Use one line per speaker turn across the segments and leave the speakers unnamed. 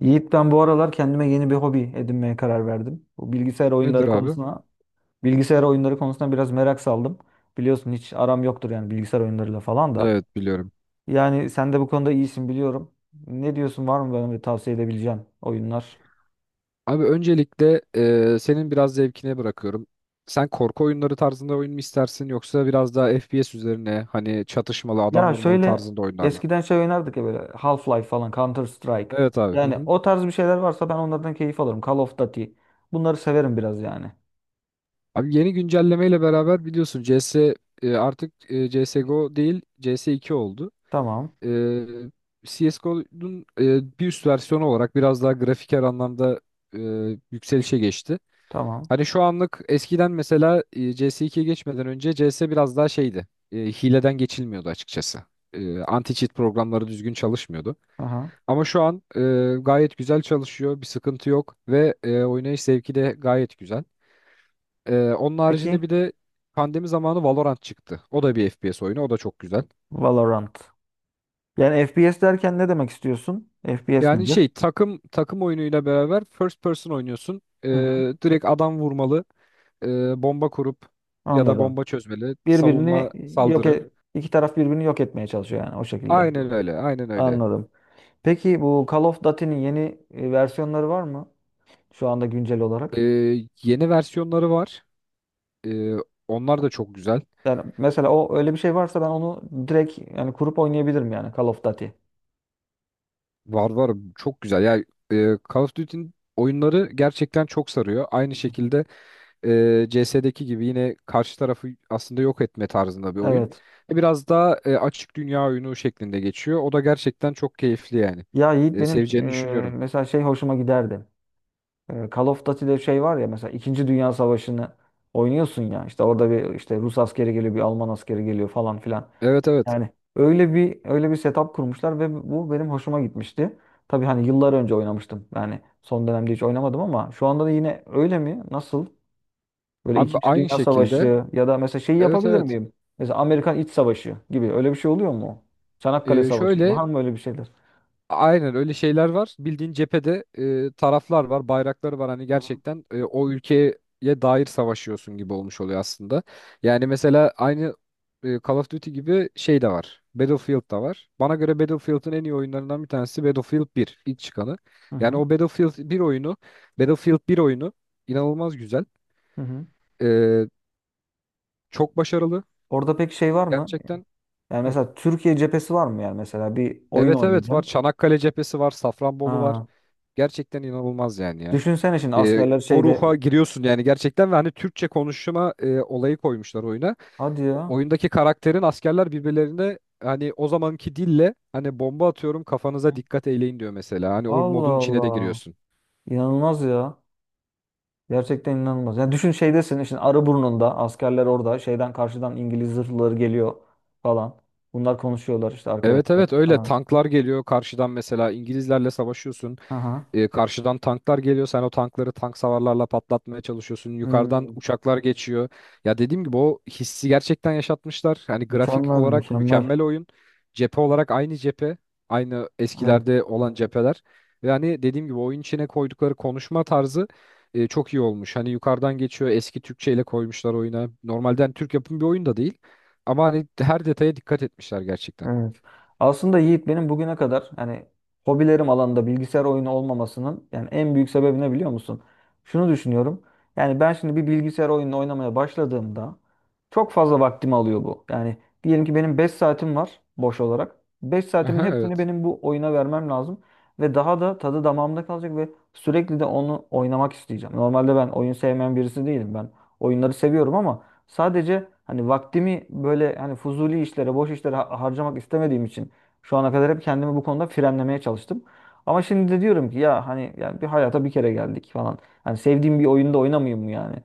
Yiğit, ben bu aralar kendime yeni bir hobi edinmeye karar verdim. Bu bilgisayar
Nedir
oyunları
abi?
konusuna, bilgisayar oyunları konusuna biraz merak saldım. Biliyorsun hiç aram yoktur, yani bilgisayar oyunlarıyla falan da.
Evet biliyorum.
Yani sen de bu konuda iyisin, biliyorum. Ne diyorsun, var mı bana bir tavsiye edebileceğin oyunlar?
Abi öncelikle senin biraz zevkine bırakıyorum. Sen korku oyunları tarzında oyun mu istersin yoksa biraz daha FPS üzerine hani çatışmalı adam
Ya
vurmalı
şöyle,
tarzında oyunlar mı?
eskiden şey oynardık ya, böyle Half-Life falan, Counter Strike.
Evet abi. Hı
Yani
hı.
o tarz bir şeyler varsa ben onlardan keyif alırım. Call of Duty. Bunları severim biraz yani.
Abi yeni güncellemeyle beraber biliyorsun CS artık CSGO değil CS2 oldu.
Tamam.
E, CSGO'nun bir üst versiyonu olarak biraz daha grafiker anlamda e, yükselişe geçti.
Tamam.
Hani şu anlık eskiden mesela CS2'ye geçmeden önce CS biraz daha şeydi. Hileden geçilmiyordu açıkçası. Anti-cheat programları düzgün çalışmıyordu.
Aha.
Ama şu an gayet güzel çalışıyor. Bir sıkıntı yok ve oynayış zevki de gayet güzel. Onun
Peki.
haricinde bir de pandemi zamanı Valorant çıktı. O da bir FPS oyunu. O da çok güzel.
Valorant. Yani FPS derken ne demek istiyorsun? FPS
Yani
nedir?
şey takım takım oyunuyla beraber first person oynuyorsun.
Hı hı.
Direkt adam vurmalı, bomba kurup ya da
Anladım.
bomba çözmeli,
Birbirini
savunma
yok
saldırı.
e iki taraf birbirini yok etmeye çalışıyor, yani o şekilde.
Aynen öyle, aynen öyle.
Anladım. Peki, bu Call of Duty'nin yeni versiyonları var mı, şu anda güncel
Ee,
olarak?
Yeni versiyonları var. Ee, Onlar da çok güzel.
Yani mesela o, öyle bir şey varsa ben onu direkt, yani kurup oynayabilirim, yani Call of Duty.
Var var, çok güzel. Ya Call of Duty'nin oyunları gerçekten çok sarıyor. Aynı şekilde CS'deki gibi yine karşı tarafı aslında yok etme tarzında bir oyun.
Evet.
Biraz daha açık dünya oyunu şeklinde geçiyor. O da gerçekten çok keyifli yani.
Ya Yiğit, benim
Seveceğini düşünüyorum.
mesela şey hoşuma giderdi. Call of Duty'de şey var ya, mesela İkinci Dünya Savaşı'nı oynuyorsun ya, işte orada bir işte Rus askeri geliyor, bir Alman askeri geliyor falan filan.
Evet evet.
Yani öyle bir setup kurmuşlar ve bu benim hoşuma gitmişti. Tabii hani yıllar önce oynamıştım. Yani son dönemde hiç oynamadım ama şu anda da yine öyle mi? Nasıl? Böyle
Abi
İkinci
aynı
Dünya
şekilde.
Savaşı, ya da mesela şeyi
Evet
yapabilir
evet.
miyim? Mesela Amerikan İç Savaşı gibi öyle bir şey oluyor mu? Çanakkale Savaşı
Şöyle
var mı, öyle bir şeyler?
aynen öyle şeyler var. Bildiğin cephede taraflar var, bayrakları var. Hani gerçekten o ülkeye dair savaşıyorsun gibi olmuş oluyor aslında. Yani mesela aynı Call of Duty gibi şey de var. Battlefield da var. Bana göre Battlefield'ın en iyi oyunlarından bir tanesi Battlefield 1, ilk çıkanı.
Hı
Yani
hı.
o Battlefield 1 oyunu inanılmaz güzel.
Hı hı.
E, Çok başarılı
Orada pek şey var mı?
gerçekten.
Yani
Hı.
mesela Türkiye cephesi var mı, yani mesela bir oyun
Evet evet var.
oynayacağım.
Çanakkale cephesi var, Safranbolu var.
Ha.
Gerçekten inanılmaz yani ya.
Düşünsene şimdi askerler
O ruha
şeyde,
giriyorsun yani gerçekten ve hani Türkçe konuşma olayı koymuşlar oyuna.
hadi ya.
Oyundaki karakterin askerler birbirlerine hani o zamanki dille hani bomba atıyorum kafanıza dikkat eyleyin diyor mesela. Hani o
Allah
modun içine de
Allah.
giriyorsun.
İnanılmaz ya. Gerçekten inanılmaz. Yani düşün, şeydesin şimdi, Arıburnu'nda askerler orada, şeyden karşıdan İngiliz zırhlıları geliyor falan. Bunlar konuşuyorlar işte,
Evet
arkadaşlar.
evet öyle
Ha.
tanklar geliyor karşıdan mesela İngilizlerle savaşıyorsun.
Aha.
Karşıdan tanklar geliyor. Sen o tankları tank savarlarla patlatmaya çalışıyorsun. Yukarıdan
Hmm.
uçaklar geçiyor. Ya dediğim gibi o hissi gerçekten yaşatmışlar. Hani grafik
Mükemmel,
olarak
mükemmel.
mükemmel oyun. Cephe olarak aynı cephe. Aynı
Evet.
eskilerde olan cepheler. Ve hani dediğim gibi oyun içine koydukları konuşma tarzı çok iyi olmuş. Hani yukarıdan geçiyor. Eski Türkçe ile koymuşlar oyuna. Normalden Türk yapımı bir oyun da değil. Ama hani her detaya dikkat etmişler gerçekten.
Evet. Aslında Yiğit, benim bugüne kadar, yani hobilerim alanında bilgisayar oyunu olmamasının yani en büyük sebebi ne, biliyor musun? Şunu düşünüyorum. Yani ben şimdi bir bilgisayar oyununu oynamaya başladığımda çok fazla vaktimi alıyor bu. Yani diyelim ki benim 5 saatim var boş olarak. 5 saatimin
Aha,
hepsini
evet.
benim bu oyuna vermem lazım ve daha da tadı damağımda kalacak ve sürekli de onu oynamak isteyeceğim. Normalde ben oyun sevmeyen birisi değilim. Ben oyunları seviyorum ama sadece hani vaktimi böyle, hani fuzuli işlere, boş işlere harcamak istemediğim için şu ana kadar hep kendimi bu konuda frenlemeye çalıştım. Ama şimdi de diyorum ki, ya hani yani bir hayata bir kere geldik falan, hani sevdiğim bir oyunda oynamayayım mı, yani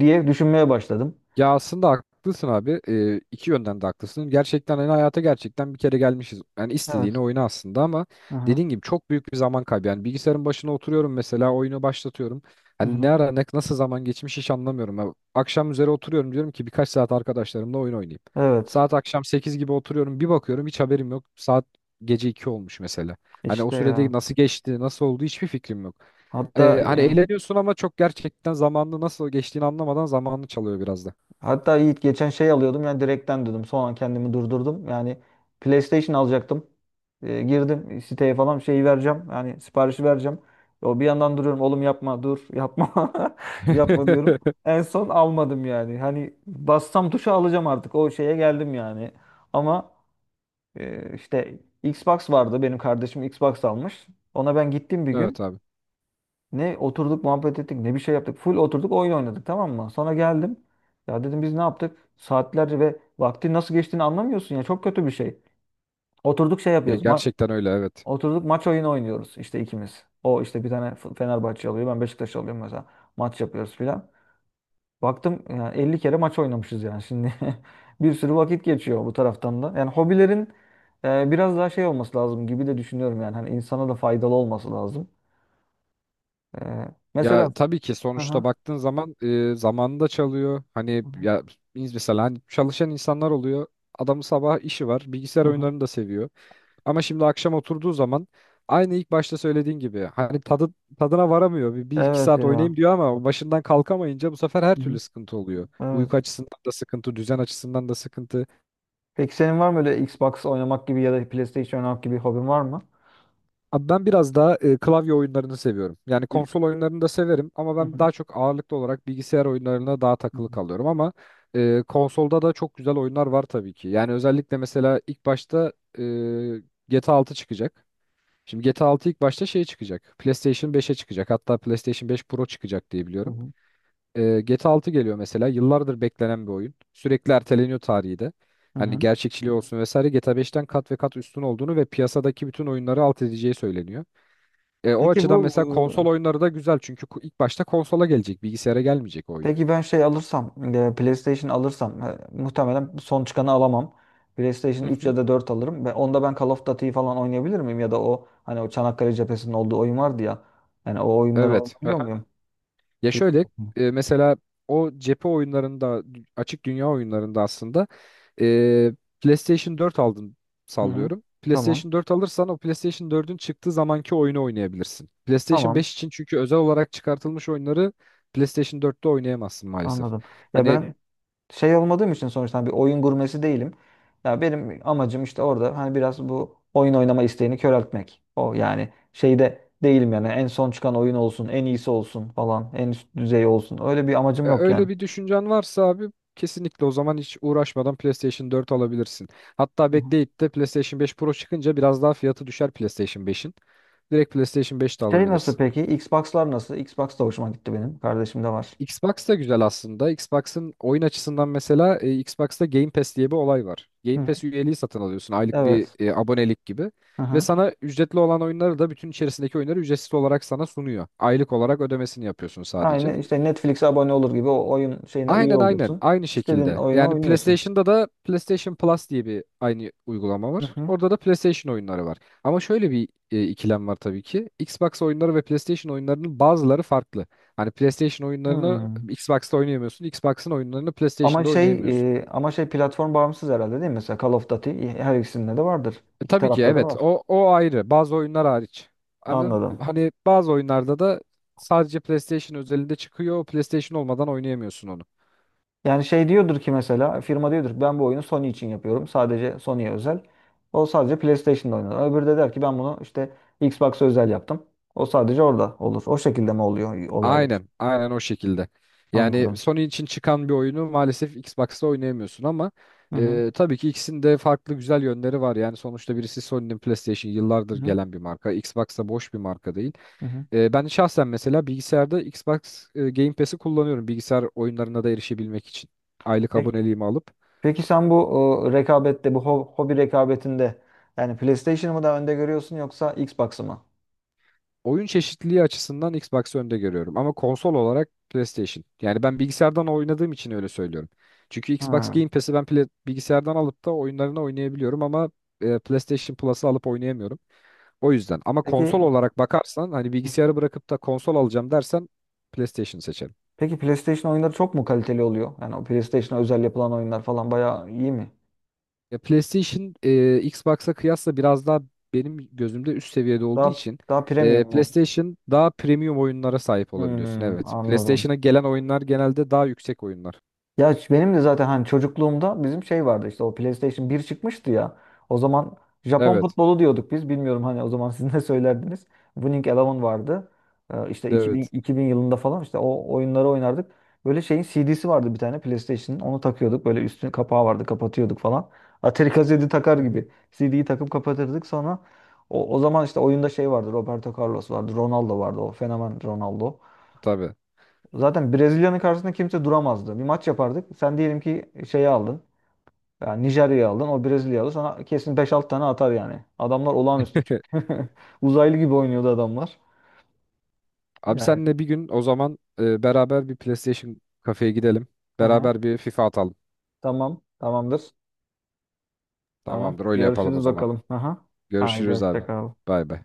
diye düşünmeye başladım.
Ya aslında haklısın abi. İki yönden de haklısın. Gerçekten hani hayata gerçekten bir kere gelmişiz. Yani istediğini
Evet.
oyna aslında ama
Hı hı.
dediğin gibi çok büyük bir zaman kaybı. Yani bilgisayarın başına oturuyorum mesela oyunu başlatıyorum. Hani ne ara nasıl zaman geçmiş hiç anlamıyorum. Ya akşam üzere oturuyorum diyorum ki birkaç saat arkadaşlarımla oyun oynayayım.
Evet.
Saat akşam 8 gibi oturuyorum bir bakıyorum hiç haberim yok. Saat gece 2 olmuş mesela. Hani o
İşte
sürede
ya.
nasıl geçti nasıl oldu hiçbir fikrim yok.
Hatta
Hani
e,
eğleniyorsun ama çok gerçekten zamanını nasıl geçtiğini anlamadan zamanını çalıyor biraz da.
Hatta Yiğit, geçen şey alıyordum, yani direkten dedim. Sonra kendimi durdurdum. Yani PlayStation alacaktım. Girdim siteye falan, şeyi vereceğim, yani siparişi vereceğim. O bir yandan duruyorum. Oğlum, yapma, dur, yapma. Yapma diyorum. En son almadım yani. Hani bassam tuşa alacağım artık. O şeye geldim yani. Ama işte Xbox vardı. Benim kardeşim Xbox almış. Ona ben gittim bir gün.
Evet abi.
Ne oturduk muhabbet ettik, ne bir şey yaptık. Full oturduk oyun oynadık, tamam mı? Sonra geldim. Ya dedim, biz ne yaptık? Saatlerce, ve vakti nasıl geçtiğini anlamıyorsun ya. Çok kötü bir şey. Oturduk şey
Ya
yapıyoruz.
gerçekten öyle evet.
Oturduk maç oyunu oynuyoruz işte ikimiz. O işte bir tane Fenerbahçe alıyor. Ben Beşiktaş alıyorum mesela. Maç yapıyoruz filan. Baktım, yani 50 kere maç oynamışız yani şimdi. Bir sürü vakit geçiyor bu taraftan da. Yani hobilerin biraz daha şey olması lazım gibi de düşünüyorum yani. Hani insana da faydalı olması lazım. E, Mesela...
Ya tabii ki sonuçta
Aha.
baktığın zaman zamanında çalıyor. Hani
Hı hı.
ya biz mesela hani çalışan insanlar oluyor. Adamın sabah işi var. Bilgisayar
Hı hı.
oyunlarını da seviyor. Ama şimdi akşam oturduğu zaman aynı ilk başta söylediğin gibi hani tadı tadına varamıyor. Bir iki
Evet
saat
ya.
oynayayım diyor ama başından kalkamayınca bu sefer her
Hı
türlü
hı.
sıkıntı oluyor.
Evet.
Uyku açısından da sıkıntı, düzen açısından da sıkıntı.
Peki senin var mı öyle Xbox oynamak gibi, ya da PlayStation oynamak gibi hobin var mı?
Abi ben biraz daha klavye oyunlarını seviyorum. Yani
Bil-
konsol oyunlarını da severim ama
Hı
ben
hı.
daha çok ağırlıklı olarak bilgisayar oyunlarına daha
Hı
takılı
hı.
kalıyorum ama konsolda da çok güzel oyunlar var tabii ki. Yani özellikle mesela ilk başta e, GTA 6 çıkacak. Şimdi GTA 6 ilk başta şey çıkacak. PlayStation 5'e çıkacak. Hatta PlayStation 5 Pro çıkacak diye
Hı
biliyorum.
hı.
GTA 6 geliyor mesela. Yıllardır beklenen bir oyun. Sürekli erteleniyor tarihi de.
Hı
Hani
hı.
gerçekçiliği olsun vesaire GTA 5'ten kat ve kat üstün olduğunu ve piyasadaki bütün oyunları alt edeceği söyleniyor. O
Peki
açıdan
bu
mesela konsol oyunları da güzel çünkü ilk başta konsola gelecek, bilgisayara gelmeyecek o
e,
oyun.
peki ben şey alırsam, PlayStation alırsam, muhtemelen son çıkanı alamam.
Hı
PlayStation 3
hı.
ya da 4 alırım. Ve onda ben Call of Duty falan oynayabilir miyim? Ya da o, hani o Çanakkale cephesinin olduğu oyun vardı ya. Yani o oyunları
Evet. Hı
oynayabiliyor
hı.
muyum?
Ya
Pl-
şöyle mesela o cephe oyunlarında, açık dünya oyunlarında aslında e, PlayStation 4 aldın
Hı hı.
sallıyorum.
Tamam.
PlayStation 4 alırsan o PlayStation 4'ün çıktığı zamanki oyunu oynayabilirsin. PlayStation
Tamam.
5 için çünkü özel olarak çıkartılmış oyunları PlayStation 4'te oynayamazsın maalesef.
Anladım. Ya
Hani
ben şey olmadığım için, sonuçta bir oyun gurmesi değilim. Ya benim amacım işte orada, hani biraz bu oyun oynama isteğini köreltmek. O yani şeyde değilim yani, en son çıkan oyun olsun, en iyisi olsun falan, en üst düzey olsun. Öyle bir amacım
ya
yok yani.
öyle bir düşüncen varsa abi kesinlikle o zaman hiç uğraşmadan PlayStation 4 alabilirsin. Hatta
Hı hı.
bekleyip de PlayStation 5 Pro çıkınca biraz daha fiyatı düşer PlayStation 5'in. Direkt PlayStation 5 de
Şey nasıl
alabilirsin.
peki? Xbox'lar nasıl? Xbox da hoşuma gitti benim. Kardeşim de var.
Xbox da güzel aslında. Xbox'ın oyun açısından mesela Xbox'ta Game Pass diye bir olay var.
Hı
Game
hı.
Pass üyeliği satın alıyorsun aylık bir
Evet.
abonelik gibi.
Hı
Ve
hı.
sana ücretli olan oyunları da bütün içerisindeki oyunları ücretsiz olarak sana sunuyor. Aylık olarak ödemesini yapıyorsun sadece.
Aynı işte Netflix'e abone olur gibi o oyun şeyine üye
Aynen, aynen,
oluyorsun.
aynı
İstediğin
şekilde.
oyunu
Yani
oynuyorsun.
PlayStation'da da PlayStation Plus diye bir aynı uygulama
Hı
var.
hı.
Orada da PlayStation oyunları var. Ama şöyle bir ikilem var tabii ki. Xbox oyunları ve PlayStation oyunlarının bazıları farklı. Hani PlayStation oyunlarını
Hmm.
Xbox'ta oynayamıyorsun, Xbox'ın oyunlarını
Ama
PlayStation'da
şey
oynayamıyorsun.
ama şey platform bağımsız herhalde, değil mi? Mesela Call of Duty her ikisinde de vardır. İki
Tabii ki
tarafta da
evet
var.
o ayrı. Bazı oyunlar hariç. Ama
Anladım.
hani bazı oyunlarda da sadece PlayStation özelinde çıkıyor. PlayStation olmadan oynayamıyorsun onu.
Yani şey diyordur ki, mesela firma diyordur ki ben bu oyunu Sony için yapıyorum, sadece Sony'ye özel. O sadece PlayStation'da oynar. Öbürü de der ki ben bunu işte Xbox'a özel yaptım. O sadece orada olur. O şekilde mi oluyor olaylar?
Aynen, aynen o şekilde. Yani
Anladım.
Sony için çıkan bir oyunu maalesef Xbox'ta oynayamıyorsun ama
Hı hı.
tabii ki ikisinin de farklı güzel yönleri var. Yani sonuçta birisi Sony'nin PlayStation yıllardır
Hı hı.
gelen bir marka. Xbox'ta boş bir marka değil.
Hı hı.
Ben şahsen mesela bilgisayarda Xbox Game Pass'i kullanıyorum bilgisayar oyunlarına da erişebilmek için. Aylık
Peki,
aboneliğimi alıp
peki sen bu rekabette, bu hobi rekabetinde yani PlayStation'ı mı daha önde görüyorsun, yoksa Xbox'ı mı?
oyun çeşitliliği açısından Xbox'ı önde görüyorum. Ama konsol olarak PlayStation. Yani ben bilgisayardan oynadığım için öyle söylüyorum. Çünkü Xbox
Hı.
Game Pass'i ben bilgisayardan alıp da oyunlarını oynayabiliyorum ama PlayStation Plus'ı alıp oynayamıyorum. O yüzden. Ama konsol
Peki.
olarak bakarsan hani
Hı hı.
bilgisayarı bırakıp da konsol alacağım dersen PlayStation seçerim.
Peki, PlayStation oyunları çok mu kaliteli oluyor? Yani o PlayStation'a özel yapılan oyunlar falan bayağı iyi mi?
Ya PlayStation Xbox'a kıyasla biraz daha benim gözümde üst seviyede olduğu
Daha
için
daha premium mu?
PlayStation daha premium oyunlara sahip olabiliyorsun.
Hmm,
Evet.
anladım.
PlayStation'a gelen oyunlar genelde daha yüksek oyunlar.
Ya benim de zaten hani çocukluğumda bizim şey vardı, işte o PlayStation bir çıkmıştı ya. O zaman Japon
Evet.
futbolu diyorduk biz. Bilmiyorum hani, o zaman siz ne söylerdiniz. Winning Eleven vardı. İşte
Evet.
2000 yılında falan işte o oyunları oynardık. Böyle şeyin CD'si vardı bir tane PlayStation'ın. Onu takıyorduk. Böyle üstüne kapağı vardı. Kapatıyorduk falan. Atari kaseti takar
Hı hı.
gibi. CD'yi takıp kapatırdık, sonra o zaman işte oyunda şey vardı. Roberto Carlos vardı. Ronaldo vardı. O fenomen Ronaldo.
Tabii.
Zaten Brezilya'nın karşısında kimse duramazdı. Bir maç yapardık. Sen diyelim ki şeyi aldın, yani Nijerya'yı aldın. O Brezilya'yı aldı. Sana kesin beş 6 tane atar yani. Adamlar olağanüstü çünkü. Uzaylı gibi oynuyordu adamlar.
Abi
Yani.
senle bir gün o zaman beraber bir PlayStation kafeye gidelim.
Aha.
Beraber bir FIFA atalım.
Tamam. Tamamdır. Tamam.
Tamamdır öyle yapalım o
Görüşürüz
zaman.
bakalım. Aha. Haydi
Görüşürüz abi.
hoşça kal.
Bay bay.